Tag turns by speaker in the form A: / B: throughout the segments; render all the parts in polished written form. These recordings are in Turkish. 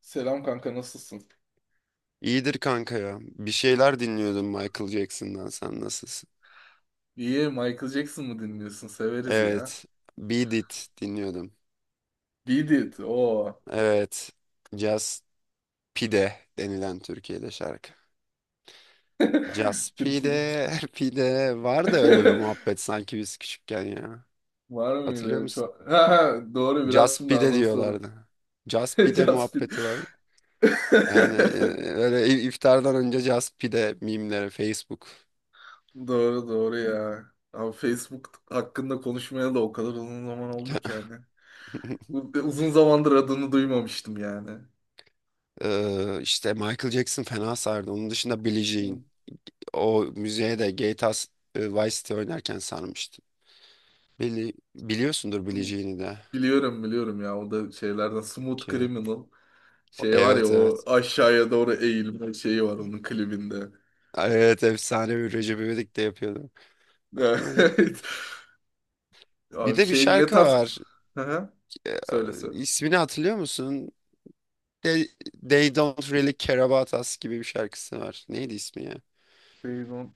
A: Selam kanka, nasılsın?
B: İyidir kanka ya. Bir şeyler dinliyordum Michael Jackson'dan. Sen nasılsın?
A: İyi, Michael Jackson mı dinliyorsun? Severiz ya.
B: Evet. Beat It dinliyordum.
A: Beat It. O.
B: Evet. Just Pide denilen Türkiye'de şarkı. Just
A: Türkiye.
B: Pide, Pide. Var da öyle bir muhabbet sanki biz küçükken ya.
A: Var
B: Hatırlıyor
A: mıydı?
B: musun?
A: Çok... Ha, ha, doğru, biraz
B: Just
A: şimdi
B: Pide
A: anımsadım.
B: diyorlardı. Just Pide
A: Just Beat.
B: muhabbeti var. Yani e, öyle iftardan önce Just Pide mimleri Facebook.
A: Doğru doğru ya. Abi Facebook hakkında konuşmaya da o kadar uzun zaman oldu ki yani. Uzun zamandır adını duymamıştım yani.
B: İşte Michael Jackson fena sardı. Onun dışında Billie
A: Hı.
B: Jean. O müziğe de Vice City oynarken sarmıştım. Biliyorsundur bileceğini de
A: Biliyorum ya, o da şeylerden, Smooth
B: ki.
A: Criminal. Şey var ya,
B: Evet
A: o
B: evet.
A: aşağıya doğru eğilme şeyi var onun klibinde.
B: Evet efsane bir Recep İvedik de yapıyordu.
A: Evet.
B: Bir
A: Abi
B: de bir
A: şey ne
B: şarkı
A: tarz...
B: var.
A: Hı hı,
B: E,
A: söylese.
B: ismini hatırlıyor musun? They, They Don't Really Care About Us gibi bir şarkısı var. Neydi ismi ya?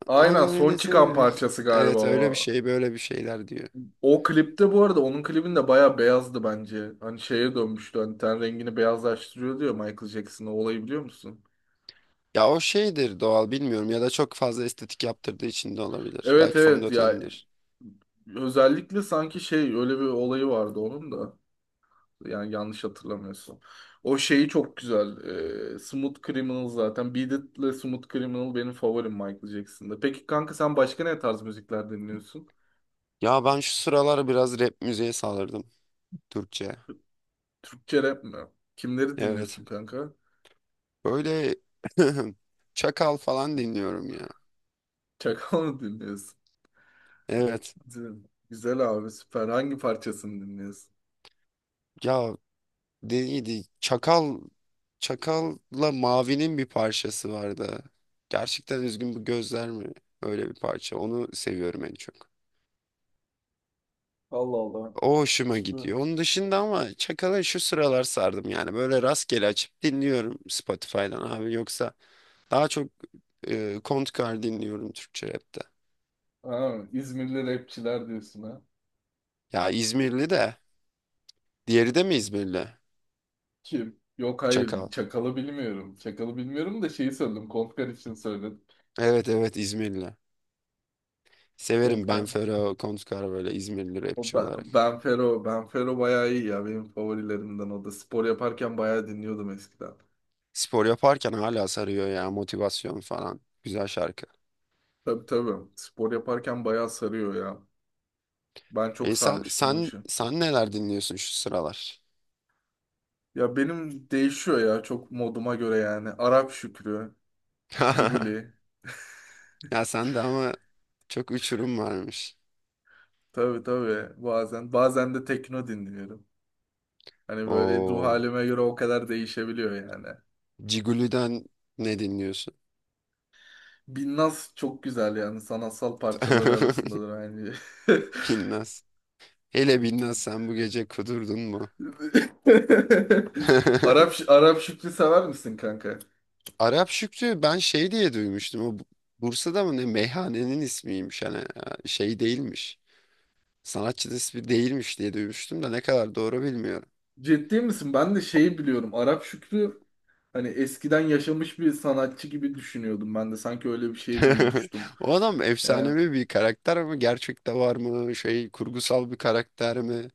A: Aynen,
B: Anam
A: son çıkan
B: endişeleri-
A: parçası galiba
B: Evet öyle bir
A: o.
B: şey böyle bir şeyler diyor.
A: O klipte bu arada, onun klibinde bayağı beyazdı bence. Hani şeye dönmüştü, hani ten rengini beyazlaştırıyor diyor Michael Jackson, o olayı biliyor musun?
B: Ya o şeydir doğal bilmiyorum ya da çok fazla estetik yaptırdığı için de olabilir.
A: Evet
B: Belki
A: evet ya,
B: fondötendir.
A: özellikle sanki şey, öyle bir olayı vardı onun da. Yani yanlış hatırlamıyorsun. O şeyi çok güzel. Smooth Criminal zaten. Beat It ile Smooth Criminal benim favorim Michael Jackson'da. Peki kanka, sen başka ne tarz müzikler dinliyorsun?
B: Ya ben şu sıralar biraz rap müziğe sardım. Türkçe.
A: Türkçe rap mi? Kimleri
B: Evet.
A: dinliyorsun kanka?
B: Böyle Çakal falan dinliyorum ya.
A: Çakal mı dinliyorsun?
B: Evet.
A: Güzel, güzel abi, süper. Hangi parçasını dinliyorsun?
B: Ya neydi? Çakal'la Mavi'nin bir parçası vardı. Gerçekten üzgün bu gözler mi? Öyle bir parça. Onu seviyorum en çok.
A: Allah Allah.
B: O hoşuma
A: Şimdi
B: gidiyor. Onun dışında ama Çakal'a şu sıralar sardım yani. Böyle rastgele açıp dinliyorum Spotify'dan abi. Yoksa daha çok Kontkar dinliyorum Türkçe rapte.
A: ha, İzmirli rapçiler diyorsun ha.
B: Ya İzmirli de. Diğeri de mi İzmirli?
A: Kim? Yok hayır.
B: Çakal.
A: Çakal'ı bilmiyorum. Çakal'ı bilmiyorum da şeyi söyledim. Kontkar için söyledim.
B: Evet. İzmirli. Severim ben
A: Kontkar.
B: Fero Kontkar böyle İzmirli rapçi olarak.
A: Benfero, Benfero bayağı iyi ya. Benim favorilerimden o da. Spor yaparken bayağı dinliyordum eskiden.
B: Spor yaparken hala sarıyor ya motivasyon falan. Güzel şarkı.
A: Tabii tabii. Spor yaparken bayağı sarıyor ya. Ben çok
B: E sen
A: sarmıştım o
B: sen
A: işi.
B: sen neler dinliyorsun şu sıralar?
A: Ya benim değişiyor ya, çok moduma göre yani. Arap Şükrü, Ciguli.
B: Ya sen de ama çok uçurum varmış.
A: Tabii tabii. Bazen de tekno dinliyorum. Hani böyle ruh
B: O
A: halime göre o kadar değişebiliyor yani.
B: Ciguli'den ne dinliyorsun?
A: Binnaz çok güzel, yani sanatsal parçaları arasındadır aynı.
B: Binnaz. Hele Binnaz sen bu gece kudurdun mu?
A: Arap Arap Şükrü sever misin kanka?
B: Arap Şükrü ben şey diye duymuştum. Bursa'da mı ne meyhanenin ismiymiş hani şey değilmiş. Sanatçının ismi değilmiş diye duymuştum da ne kadar doğru bilmiyorum.
A: Ciddi misin? Ben de şeyi biliyorum. Arap Şükrü, hani eskiden yaşamış bir sanatçı gibi düşünüyordum ben de. Sanki öyle bir şey duymuştum.
B: O adam
A: Ee,
B: efsanevi bir karakter mi? Gerçekte var mı? Şey kurgusal bir karakter mi?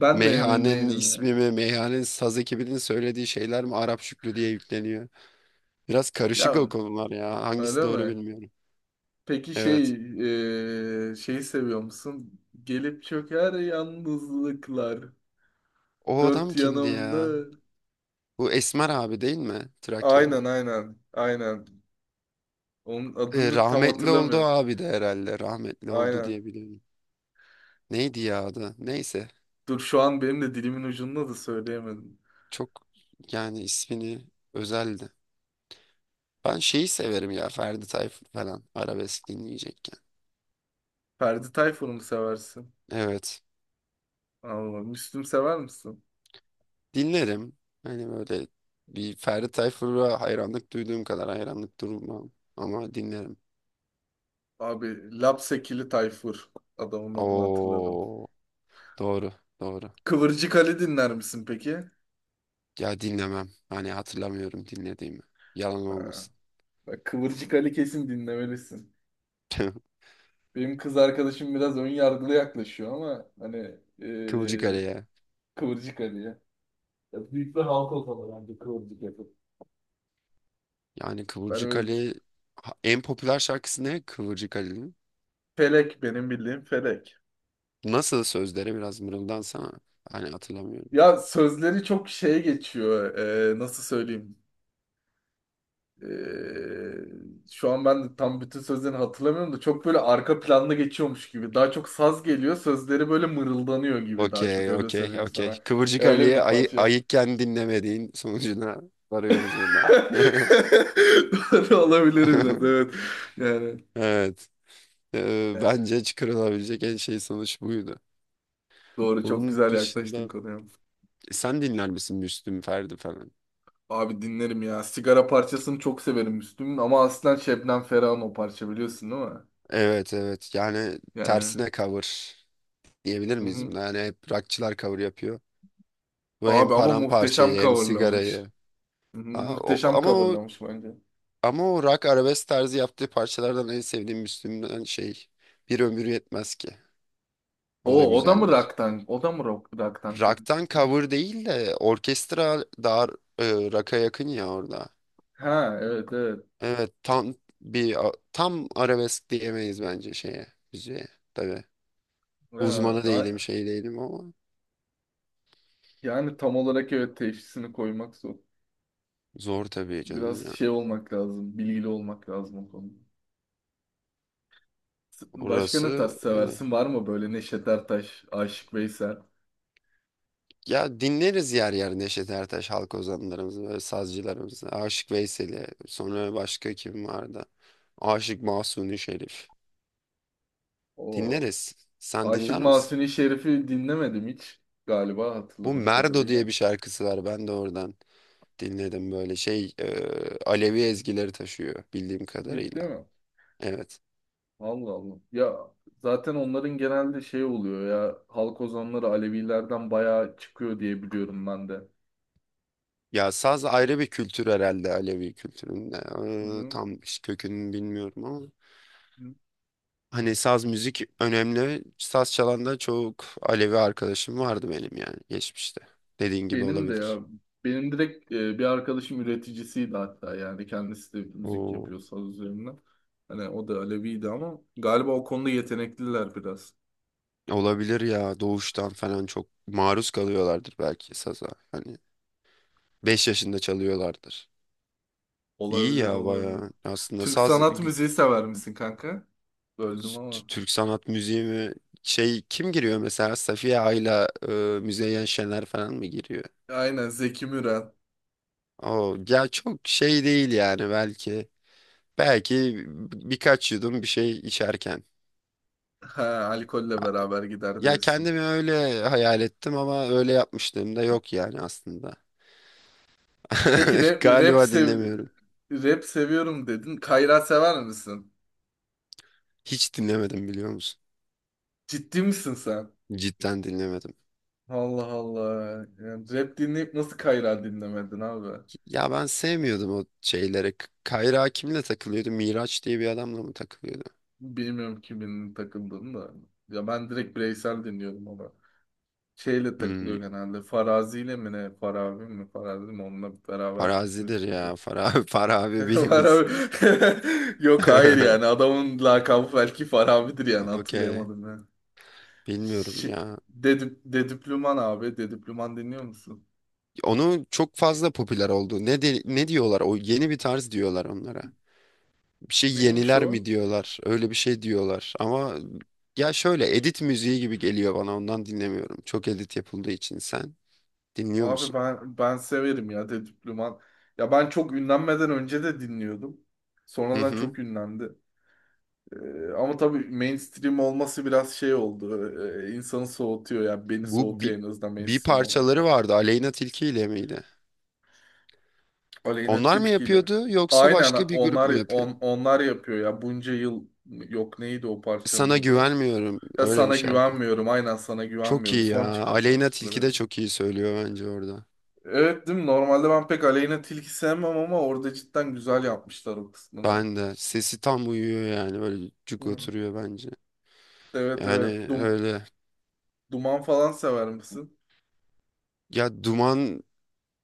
A: Ben de emin
B: Meyhanenin
A: değilim ya.
B: ismi mi? Meyhanenin saz ekibinin söylediği şeyler mi? Arap Şükrü diye yükleniyor. Biraz karışık
A: Ya
B: o konular ya. Hangisi
A: öyle
B: doğru
A: mi?
B: bilmiyorum.
A: Peki
B: Evet.
A: şey, şeyi seviyor musun? Gelip çöker yalnızlıklar.
B: O adam
A: Dört
B: kimdi ya?
A: yanımda.
B: Bu Esmer abi değil mi? Trakyalı.
A: Aynen aynen. Aynen. Onun adını tam
B: Rahmetli oldu o
A: hatırlamıyorum.
B: abi de herhalde. Rahmetli oldu
A: Aynen.
B: diye biliyorum. Neydi ya adı? Neyse.
A: Dur şu an benim de dilimin ucunda da söyleyemedim.
B: Çok yani ismini özeldi. Ben şeyi severim ya Ferdi Tayfur falan arabesk dinleyecekken.
A: Ferdi Tayfur'u mu seversin?
B: Evet.
A: Allah. Müslüm sever misin?
B: Dinlerim. Hani böyle bir Ferdi Tayfur'a hayranlık duyduğum kadar hayranlık durmam. Ama dinlerim.
A: Abi Lapsekili Tayfur. Adamın adını hatırladım.
B: Oo, doğru doğru.
A: Kıvırcık Ali dinler misin peki?
B: Ya dinlemem. Hani hatırlamıyorum dinlediğimi. Yalan
A: Ha,
B: olmasın.
A: bak Kıvırcık Ali kesin dinlemelisin. Benim kız arkadaşım biraz ön yargılı yaklaşıyor ama hani
B: Kıvırcık Ali ya.
A: Kıvırcık Ali'ye. Ya büyük bir halk ortamı bence kıvırcık yapıp.
B: Yani
A: Ben öyle düşünüyorum.
B: En popüler şarkısı ne Kıvırcık Ali'nin?
A: Felek, benim bildiğim Felek.
B: Nasıl sözleri biraz mırıldansana. Hani hatırlamıyorum.
A: Ya sözleri çok şeye geçiyor. Nasıl söyleyeyim? Ee, Şu an ben de tam bütün sözlerini hatırlamıyorum da çok böyle arka planda geçiyormuş gibi. Daha çok saz geliyor, sözleri böyle mırıldanıyor gibi, daha çok
B: Okey,
A: öyle
B: okey,
A: söyleyeyim sana.
B: okey.
A: Ya
B: Kıvırcık
A: öyle
B: Ali'ye
A: bir parça.
B: ayıkken dinlemediğin sonucuna varıyoruz buradan.
A: Doğru olabilir biraz, evet. Yani,
B: Evet.
A: yani,
B: Bence çıkarılabilecek en şey sonuç buydu.
A: doğru, çok
B: Onun
A: güzel yaklaştın
B: dışında
A: konuya.
B: Sen dinler misin Müslüm Ferdi falan?
A: Abi dinlerim ya. Sigara parçasını çok severim Müslüm'ün, ama aslen Şebnem Ferah'ın o parça, biliyorsun değil mi?
B: Evet, yani
A: Yani.
B: tersine cover diyebilir
A: Hı
B: miyiz
A: hı.
B: buna? Yani hep rockçılar cover yapıyor. Bu hem
A: Abi ama muhteşem
B: paramparçayı hem
A: coverlamış.
B: sigarayı.
A: Hı hı,
B: Ha, o-
A: muhteşem
B: ama o
A: coverlamış bence.
B: ama o rock arabesk tarzı yaptığı parçalardan en sevdiğim Müslüm'den şey Bir Ömür Yetmez Ki. O da
A: O, o da mı
B: güzeldir.
A: rock'tan? O da mı rock'tan kırmızı?
B: Rock'tan cover değil de orkestra daha rock'a yakın ya orada.
A: Ha evet evet.
B: Evet tam arabesk diyemeyiz bence şeye müziğe. Tabii
A: Ha,
B: uzmanı değilim şey değilim ama
A: yani tam olarak evet teşhisini koymak zor.
B: zor tabii canım
A: Biraz
B: ya.
A: şey olmak lazım. Bilgili olmak lazım o konuda. Başka ne tarz
B: Orası öyle.
A: seversin? Var mı böyle, Neşet Ertaş, Aşık Veysel?
B: Ya dinleriz yer yer Neşet Ertaş halk ozanlarımızı, böyle sazcılarımızı. Aşık Veysel'i, sonra başka kim vardı? Aşık Mahsuni Şerif.
A: O
B: Dinleriz. Sen
A: Aşık
B: dinler misin?
A: Mahzuni Şerif'i dinlemedim hiç galiba,
B: Bu
A: hatırladığım
B: Merdo diye
A: kadarıyla.
B: bir şarkısı var. Ben de oradan dinledim böyle Alevi ezgileri taşıyor bildiğim
A: Ciddi
B: kadarıyla.
A: mi?
B: Evet.
A: Allah Allah. Ya zaten onların genelde şey oluyor ya, halk ozanları Alevilerden bayağı çıkıyor diye biliyorum ben de.
B: Ya saz ayrı bir kültür herhalde Alevi kültüründe.
A: Hı hı.
B: Tam kökünü bilmiyorum ama. Hani saz müzik önemli. Saz çalan da çok Alevi arkadaşım vardı benim yani geçmişte. Dediğin gibi
A: Benim de ya
B: olabilir.
A: benim direkt bir arkadaşım üreticisiydi hatta, yani kendisi de müzik
B: O
A: yapıyor saz üzerine. Hani o da Aleviydi, ama galiba o konuda yetenekliler biraz.
B: olabilir ya doğuştan falan çok maruz kalıyorlardır belki saza. Hani 5 yaşında çalıyorlardır. İyi
A: Olabilir
B: ya
A: olabilir.
B: bayağı. Aslında
A: Türk
B: saz
A: sanat
B: g-
A: müziği sever misin kanka? Böldüm
B: t-
A: ama.
B: Türk sanat müziği mi şey kim giriyor mesela Safiye Ayla, Müzeyyen Şener falan mı giriyor?
A: Aynen, Zeki Müren.
B: O ya çok şey değil yani belki. Belki birkaç yudum bir şey içerken.
A: Ha, alkolle beraber gider
B: Ya
A: diyorsun.
B: kendimi öyle hayal ettim ama öyle yapmışlığım da yok yani aslında.
A: Peki rap, rap,
B: Galiba
A: sev-
B: dinlemiyorum.
A: rap seviyorum dedin. Kayra sever misin?
B: Hiç dinlemedim biliyor musun?
A: Ciddi misin sen?
B: Cidden dinlemedim.
A: Allah Allah. Yani rap dinleyip nasıl Kayra dinlemedin abi?
B: Ya ben sevmiyordum o şeylere. Kayra kimle takılıyordu? Miraç diye bir adamla mı takılıyordu?
A: Bilmiyorum kimin takıldığını da. Ya ben direkt bireysel dinliyorum ama. Şeyle
B: Hmm,
A: takılıyor genelde. Farazi ile mi ne? Farabi mi? Farazi mi? Onunla beraber çok
B: Farazi'dir
A: müzik yapıyor.
B: ya. Farabi, Farabi bilim
A: Farabi.
B: insanı.
A: Yok hayır yani. Adamın lakabı belki Farabi'dir yani.
B: Okey.
A: Hatırlayamadım ben.
B: Bilmiyorum
A: Şi...
B: ya.
A: Dedüplüman abi. Dedüplüman dinliyor musun?
B: Onun çok fazla popüler oldu. Ne diyorlar? O yeni bir tarz diyorlar onlara. Bir şey
A: Neymiş
B: yeniler mi
A: o?
B: diyorlar. Öyle bir şey diyorlar. Ama ya şöyle edit müziği gibi geliyor bana ondan dinlemiyorum. Çok edit yapıldığı için sen dinliyor
A: Abi
B: musun?
A: ben severim ya Dedip Duman. Ya ben çok ünlenmeden önce de dinliyordum.
B: Hı
A: Sonradan
B: hı.
A: çok ünlendi. Ama tabii mainstream olması biraz şey oldu. İnsanı soğutuyor yani, beni
B: Bu
A: soğutuyor
B: bir,
A: en azından
B: bir
A: mainstream olan
B: parçaları
A: şarkı.
B: vardı Aleyna Tilki ile miydi?
A: Aleyna
B: Onlar mı
A: Tilki ile.
B: yapıyordu yoksa
A: Aynen
B: başka bir grup mu
A: onlar,
B: yapıyordu?
A: onlar yapıyor ya bunca yıl, yok neydi o
B: Sana
A: parçanın adı?
B: güvenmiyorum
A: Ya
B: öyle bir
A: sana
B: şarkı.
A: güvenmiyorum, aynen sana
B: Çok
A: güvenmiyorum,
B: iyi ya.
A: son çıkan
B: Aleyna Tilki
A: parçaları.
B: de çok iyi söylüyor bence orada.
A: Evet değil mi? Normalde ben pek Aleyna Tilki sevmem ama orada cidden güzel yapmışlar o kısmını.
B: Ben de. Sesi tam uyuyor yani. Böyle cuk
A: Hı.
B: oturuyor bence.
A: Evet
B: Yani
A: evet.
B: öyle.
A: Duman falan sever misin?
B: Ya Duman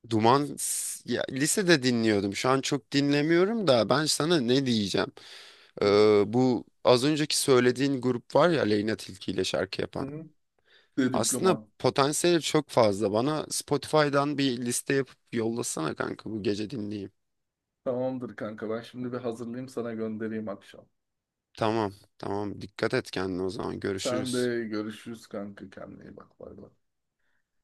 B: Duman ya, lisede dinliyordum. Şu an çok dinlemiyorum da ben sana ne diyeceğim?
A: Hı hı.
B: Bu az önceki söylediğin grup var ya Leyna Tilki ile şarkı
A: Hı
B: yapan.
A: hı.
B: Aslında
A: Dedüklüman.
B: potansiyeli çok fazla. Bana Spotify'dan bir liste yapıp yollasana kanka bu gece dinleyeyim.
A: Tamamdır kanka, ben şimdi bir hazırlayayım sana göndereyim akşam.
B: Tamam, tamam. Dikkat et kendine o zaman.
A: Sen
B: Görüşürüz.
A: de görüşürüz kanka, kendine iyi bak, bay bay.